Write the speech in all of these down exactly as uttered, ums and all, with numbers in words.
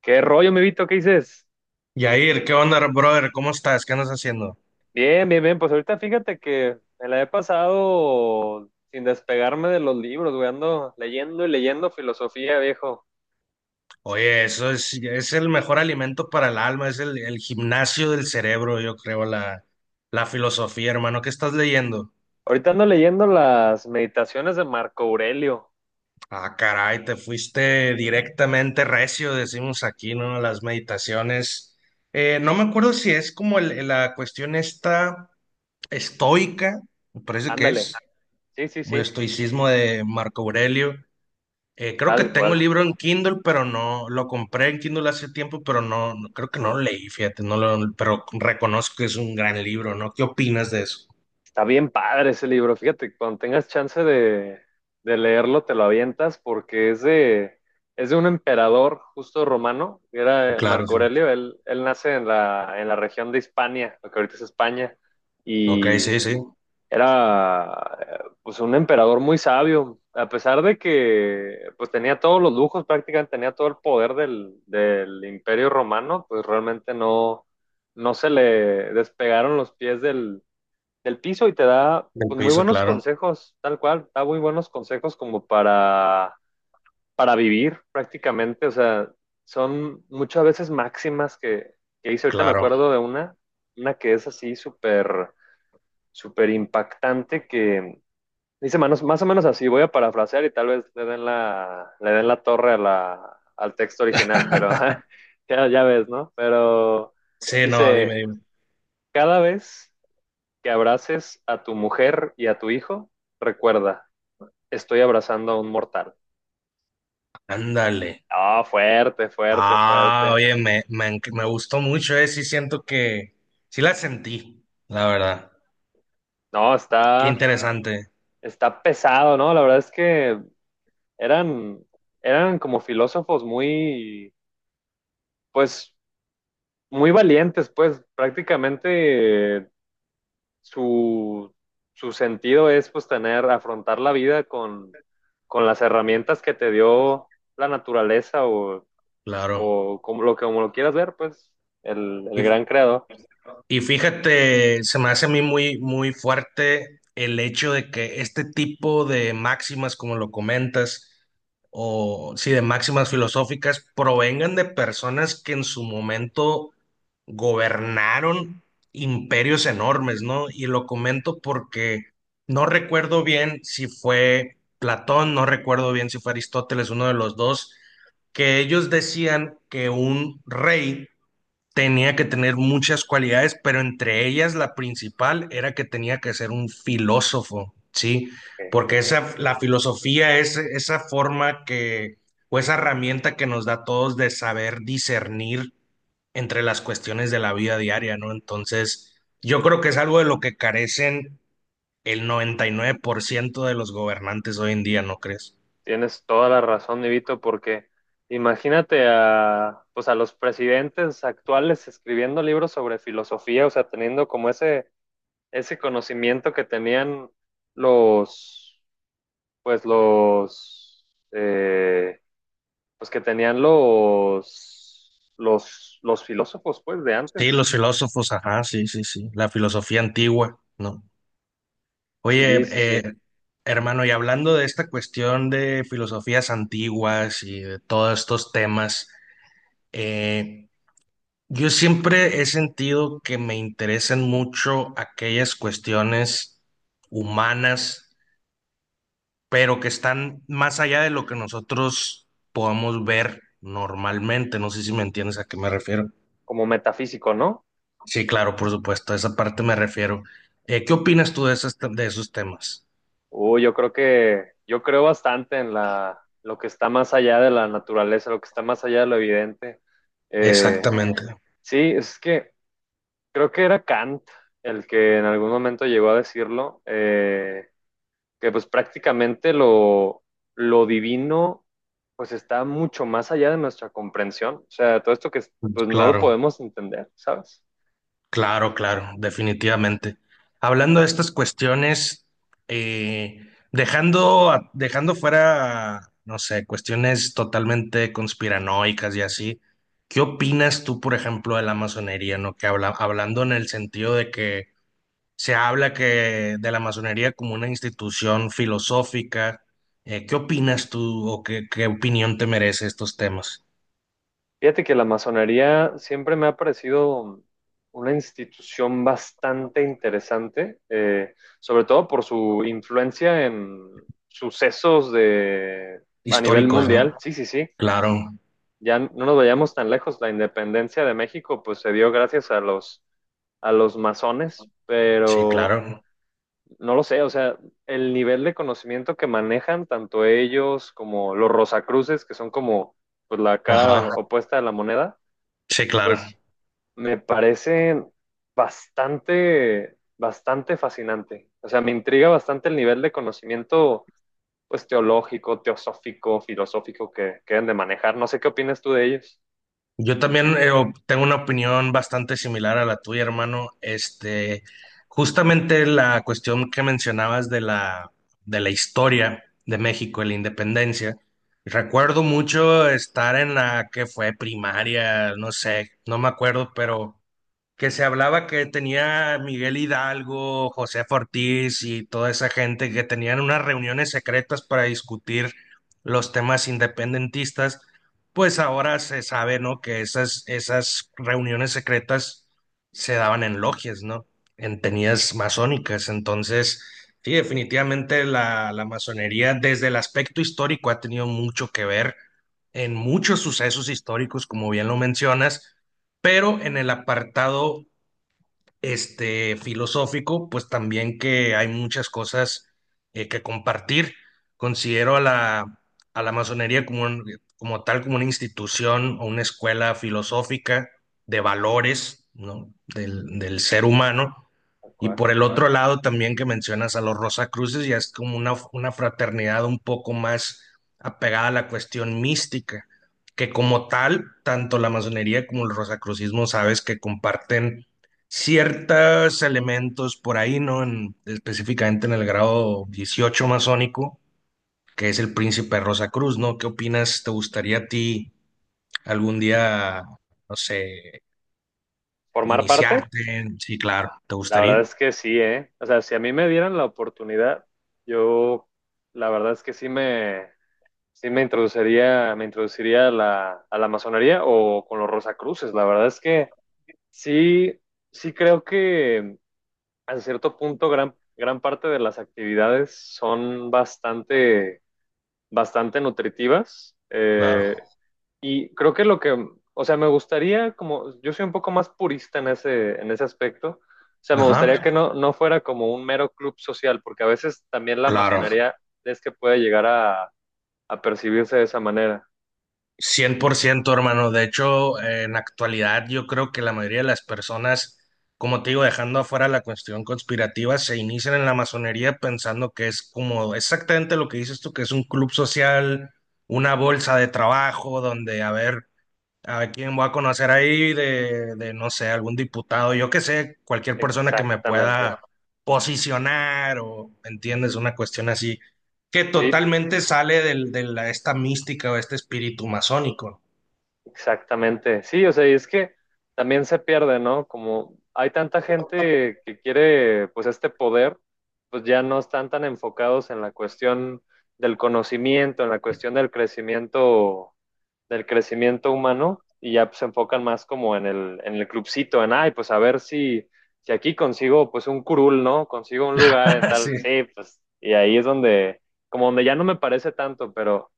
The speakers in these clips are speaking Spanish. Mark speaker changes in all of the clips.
Speaker 1: ¿Qué rollo, mi Vito? ¿Qué dices?
Speaker 2: Yair, ¿qué onda, brother? ¿Cómo estás? ¿Qué andas haciendo?
Speaker 1: Bien, bien, bien. Pues ahorita fíjate que me la he pasado sin despegarme de los libros, güey. Ando leyendo y leyendo filosofía, viejo.
Speaker 2: Oye, eso es, es el mejor alimento para el alma, es el, el gimnasio del cerebro, yo creo, la, la filosofía, hermano. ¿Qué estás leyendo?
Speaker 1: Ahorita ando leyendo las meditaciones de Marco Aurelio.
Speaker 2: Ah, caray, te fuiste directamente recio, decimos aquí, ¿no? Las meditaciones. Eh, no me acuerdo si es como el- la cuestión esta estoica, me parece que
Speaker 1: Ándale.
Speaker 2: es,
Speaker 1: Sí, sí,
Speaker 2: como el
Speaker 1: sí.
Speaker 2: estoicismo de Marco Aurelio. Eh, creo que
Speaker 1: Tal
Speaker 2: tengo el
Speaker 1: cual.
Speaker 2: libro en Kindle, pero no, lo compré en Kindle hace tiempo, pero no, no- creo que no lo leí, fíjate, no lo, pero reconozco que es un gran libro, ¿no? ¿Qué opinas de eso?
Speaker 1: Está bien padre ese libro. Fíjate, cuando tengas chance de, de leerlo, te lo avientas porque es de, es de un emperador justo romano, que era
Speaker 2: Claro,
Speaker 1: Marco
Speaker 2: sí.
Speaker 1: Aurelio. Él, él nace en la, en la región de Hispania, lo que ahorita es España,
Speaker 2: Ok,
Speaker 1: y
Speaker 2: sí, sí,
Speaker 1: era eh, pues un emperador muy sabio. A pesar de que pues tenía todos los lujos, prácticamente tenía todo el poder del, del imperio romano, pues realmente no, no se le despegaron los pies del del piso y te da,
Speaker 2: del
Speaker 1: pues, muy
Speaker 2: piso,
Speaker 1: buenos
Speaker 2: claro,
Speaker 1: consejos, tal cual, da muy buenos consejos como para, para vivir prácticamente, o sea, son muchas veces máximas que, que hice, ahorita me
Speaker 2: claro.
Speaker 1: acuerdo de una, una que es así súper, súper impactante que dice manos, más o menos así, voy a parafrasear y tal vez le den la, le den la torre a la, al texto original, pero ya, ya ves, ¿no? Pero
Speaker 2: Sí, no, dime,
Speaker 1: dice,
Speaker 2: dime.
Speaker 1: cada vez que abraces a tu mujer y a tu hijo, recuerda, estoy abrazando a un mortal.
Speaker 2: Ándale.
Speaker 1: Ah, fuerte, fuerte,
Speaker 2: Ah,
Speaker 1: fuerte.
Speaker 2: oye, me, me, enc- me gustó mucho, eh, sí siento que, sí la sentí, la verdad.
Speaker 1: No,
Speaker 2: Qué
Speaker 1: está,
Speaker 2: interesante.
Speaker 1: está pesado, ¿no? La verdad es que eran, eran como filósofos muy, pues, muy valientes, pues, prácticamente eh, su, su sentido es, pues, tener, afrontar la vida con, con las herramientas que te dio la naturaleza o
Speaker 2: Claro.
Speaker 1: o como lo, como lo quieras ver, pues el, el
Speaker 2: Y,
Speaker 1: gran creador.
Speaker 2: Y fíjate, se me hace a mí muy, muy fuerte el hecho de que este tipo de máximas, como lo comentas, o sí, de máximas filosóficas, provengan de personas que en su momento gobernaron imperios enormes, ¿no? Y lo comento porque no recuerdo bien si fue Platón, no recuerdo bien si fue Aristóteles, uno de los dos, que ellos decían que un rey tenía que tener muchas cualidades, pero entre ellas la principal era que tenía que ser un filósofo, ¿sí?
Speaker 1: Eh,
Speaker 2: Porque esa, la filosofía es esa forma que, o esa herramienta que nos da a todos de saber discernir entre las cuestiones de la vida diaria, ¿no? Entonces, yo creo que es algo de lo que carecen el noventa y nueve por ciento de los gobernantes hoy en día, ¿no crees?
Speaker 1: Tienes toda la razón, Nivito, porque imagínate a, pues a los presidentes actuales escribiendo libros sobre filosofía, o sea, teniendo como ese, ese conocimiento que tenían los, pues los, eh, pues que tenían los, los, los filósofos, pues, de
Speaker 2: Sí,
Speaker 1: antes.
Speaker 2: los filósofos, ajá, sí, sí, sí, la filosofía antigua, ¿no? Oye,
Speaker 1: Sí, sí,
Speaker 2: eh,
Speaker 1: sí,
Speaker 2: hermano, y hablando de esta cuestión de filosofías antiguas y de todos estos temas, eh, yo siempre he sentido que me interesan mucho aquellas cuestiones humanas, pero que están más allá de lo que nosotros podemos ver normalmente. No sé si me entiendes a qué me refiero.
Speaker 1: como metafísico, ¿no?
Speaker 2: Sí, claro, por supuesto, a esa parte me refiero. Eh, ¿qué opinas tú de esas- de esos temas?
Speaker 1: Uh, yo creo que, yo creo bastante en la, lo que está más allá de la naturaleza, lo que está más allá de lo evidente. Eh,
Speaker 2: Exactamente,
Speaker 1: sí, es que creo que era Kant el que en algún momento llegó a decirlo, eh, que pues prácticamente lo, lo divino pues está mucho más allá de nuestra comprensión. O sea, todo esto que pues no lo
Speaker 2: claro.
Speaker 1: podemos entender, ¿sabes?
Speaker 2: Claro, claro, definitivamente. Hablando de estas cuestiones, eh, dejando, a- dejando fuera, no sé, cuestiones totalmente conspiranoicas y así, ¿qué opinas tú, por ejemplo, de la masonería, no? Que habla, hablando en el sentido de que se habla que de la masonería como una institución filosófica, eh, ¿qué opinas tú o qué, qué opinión te merece estos temas
Speaker 1: Fíjate que la masonería siempre me ha parecido una institución bastante interesante, eh, sobre todo por su influencia en sucesos de, a nivel
Speaker 2: históricos,
Speaker 1: mundial.
Speaker 2: no?
Speaker 1: Sí, sí, sí.
Speaker 2: Claro,
Speaker 1: Ya no nos vayamos tan lejos. La independencia de México, pues, se dio gracias a los, a los masones,
Speaker 2: sí,
Speaker 1: pero
Speaker 2: claro.
Speaker 1: no lo sé. O sea, el nivel de conocimiento que manejan tanto ellos como los Rosacruces, que son como, pues, la cara
Speaker 2: Ajá,
Speaker 1: opuesta de la moneda,
Speaker 2: sí, claro.
Speaker 1: pues me parece bastante, bastante fascinante. O sea, me intriga bastante el nivel de conocimiento, pues, teológico, teosófico, filosófico que, que deben de manejar. No sé qué opinas tú de ellos.
Speaker 2: Yo también eh, op- tengo una opinión bastante similar a la tuya, hermano. Este, justamente la cuestión que mencionabas de la, de la, historia de México, de la independencia. Recuerdo mucho estar en la que fue primaria, no sé, no me acuerdo, pero que se hablaba que tenía Miguel Hidalgo, José Ortiz y toda esa gente que tenían unas reuniones secretas para discutir los temas independentistas, pues ahora se sabe, ¿no? Que esas, esas reuniones secretas se daban en logias, ¿no? En tenías masónicas. Entonces, sí, definitivamente la, la, masonería desde el aspecto histórico ha tenido mucho que ver en muchos sucesos históricos, como bien lo mencionas, pero en el apartado este, filosófico, pues también que hay muchas cosas eh, que compartir. Considero a la, a la masonería como, un- como tal, como una institución o una escuela filosófica de valores, ¿no? Del, del ser humano.
Speaker 1: Tal
Speaker 2: Y
Speaker 1: cual.
Speaker 2: por el otro lado también que mencionas a los Rosacruces, ya es como una, una fraternidad un poco más apegada a la cuestión mística, que como tal, tanto la masonería como el rosacrucismo, sabes que comparten ciertos elementos por ahí, ¿no? En- específicamente en el grado dieciocho masónico, que es el Príncipe rosa cruz, ¿no? ¿Qué opinas? ¿Te gustaría a ti algún día, no sé,
Speaker 1: ¿Formar parte?
Speaker 2: iniciarte? Sí, claro, ¿te
Speaker 1: La
Speaker 2: gustaría?
Speaker 1: verdad es que sí, ¿eh? O sea, si a mí me dieran la oportunidad, yo, la verdad es que sí me, sí me introduciría, me introduciría a la, a la masonería o con los Rosacruces. La verdad es que sí, sí creo que a cierto punto, gran, gran parte de las actividades son bastante, bastante nutritivas.
Speaker 2: Claro.
Speaker 1: Eh, y creo que lo que, o sea, me gustaría, como yo soy un poco más purista en ese, en ese aspecto, o sea, me
Speaker 2: Ajá,
Speaker 1: gustaría que no, no fuera como un mero club social, porque a veces también la
Speaker 2: claro.
Speaker 1: masonería es que puede llegar a, a percibirse de esa manera.
Speaker 2: Cien por ciento, hermano. De hecho, eh, en actualidad yo creo que la mayoría de las personas, como te digo, dejando afuera la cuestión conspirativa, se inician en la masonería pensando que es como exactamente lo que dices tú, que es un club social, una bolsa de trabajo donde, a ver, a quien voy a conocer ahí de, de, no sé, algún diputado, yo que sé, cualquier persona que me
Speaker 1: Exactamente.
Speaker 2: pueda posicionar o, ¿entiendes? Una cuestión así, que
Speaker 1: Sí,
Speaker 2: totalmente sale del, de la, esta mística o este espíritu masónico.
Speaker 1: exactamente, sí, o sea, y es que también se pierde, ¿no? Como hay tanta gente que quiere, pues, este poder, pues ya no están tan enfocados en la cuestión del conocimiento, en la cuestión del crecimiento, del crecimiento humano, y ya pues, se enfocan más como en el, en el clubcito, en, ay, pues a ver si, si aquí consigo, pues, un curul, ¿no? Consigo un lugar en tal,
Speaker 2: Sí.
Speaker 1: sí, pues, y ahí es donde, como donde ya no me parece tanto, pero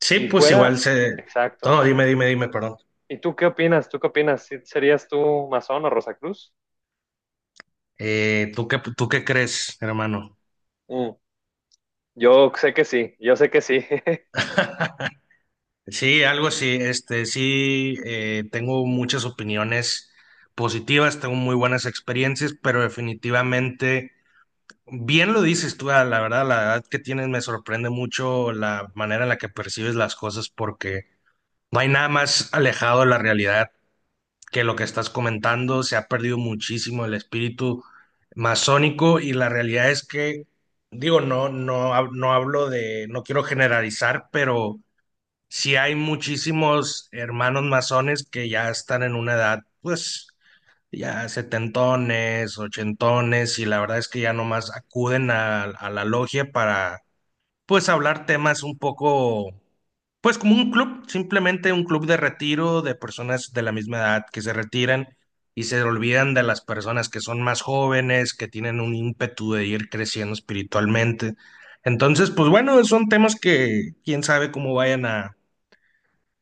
Speaker 2: Sí, pues igual
Speaker 1: fuera,
Speaker 2: se.
Speaker 1: exacto.
Speaker 2: No, dime, dime, dime, perdón.
Speaker 1: ¿Y tú qué opinas? ¿Tú qué opinas? ¿Sí- ¿Serías tú masón o Rosacruz?
Speaker 2: Eh, ¿tú qué, tú qué crees, hermano?
Speaker 1: Mm, yo sé que sí, yo sé que sí.
Speaker 2: Sí, algo así, este, sí, eh, tengo muchas opiniones positivas, tengo muy buenas experiencias, pero definitivamente. Bien lo dices tú, ah, la verdad, la edad que tienes me sorprende mucho la manera en la que percibes las cosas porque no hay nada más alejado de la realidad que lo que estás comentando. Se ha perdido muchísimo el espíritu masónico y la realidad es que, digo, no, no, hab- no hablo de, no quiero generalizar, pero sí hay muchísimos hermanos masones que ya están en una edad, pues ya setentones, ochentones, y la verdad es que ya nomás acuden a, a, la logia para, pues, hablar temas un poco, pues, como un club, simplemente un club de retiro de personas de la misma edad que se retiran y se olvidan de las personas que son más jóvenes, que tienen un ímpetu de ir creciendo espiritualmente. Entonces, pues bueno, son temas que quién sabe cómo vayan a,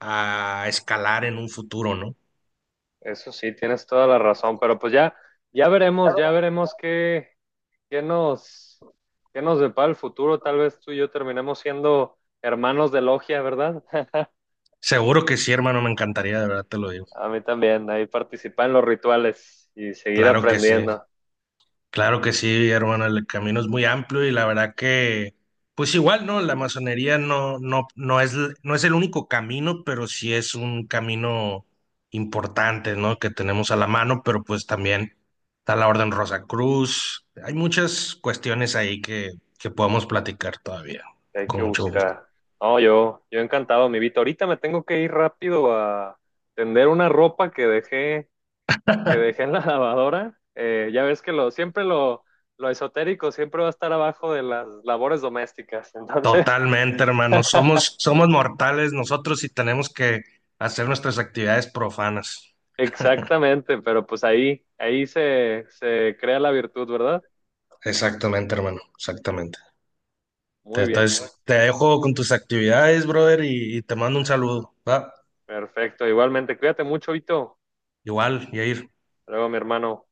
Speaker 2: a escalar en un futuro, ¿no?
Speaker 1: Eso sí, tienes toda la razón, pero pues ya, ya veremos, ya veremos qué, qué nos, qué nos depara el futuro. Tal vez tú y yo terminemos siendo hermanos de logia, ¿verdad?
Speaker 2: Seguro que sí, hermano, me encantaría, de verdad te lo digo.
Speaker 1: A mí también, ahí participar en los rituales y seguir
Speaker 2: Claro que sí,
Speaker 1: aprendiendo,
Speaker 2: claro que sí, hermano, el camino es muy amplio y la verdad que, pues igual, ¿no? La masonería no, no, no es, no es el único camino, pero sí es un camino importante, ¿no? Que tenemos a la mano, pero pues también está la Orden Rosacruz. Hay muchas cuestiones ahí que, que, podemos platicar todavía,
Speaker 1: que hay que
Speaker 2: con mucho gusto.
Speaker 1: buscar. No, yo, yo encantado, mi Vito. Ahorita me tengo que ir rápido a tender una ropa que dejé que dejé en la lavadora. Eh, ya ves que lo, siempre lo, lo esotérico siempre va a estar abajo de las labores domésticas. Entonces,
Speaker 2: Totalmente, hermano, somos, somos mortales nosotros y tenemos que hacer nuestras actividades profanas.
Speaker 1: exactamente, pero pues ahí, ahí se, se crea la virtud, ¿verdad?
Speaker 2: Exactamente, hermano, exactamente. Te-
Speaker 1: Muy bien,
Speaker 2: Entonces, te dejo con tus actividades, brother, y, y te mando un saludo, ¿va?
Speaker 1: perfecto. Igualmente, cuídate mucho, Vito.
Speaker 2: Igual, Yair.
Speaker 1: Hasta luego, mi hermano.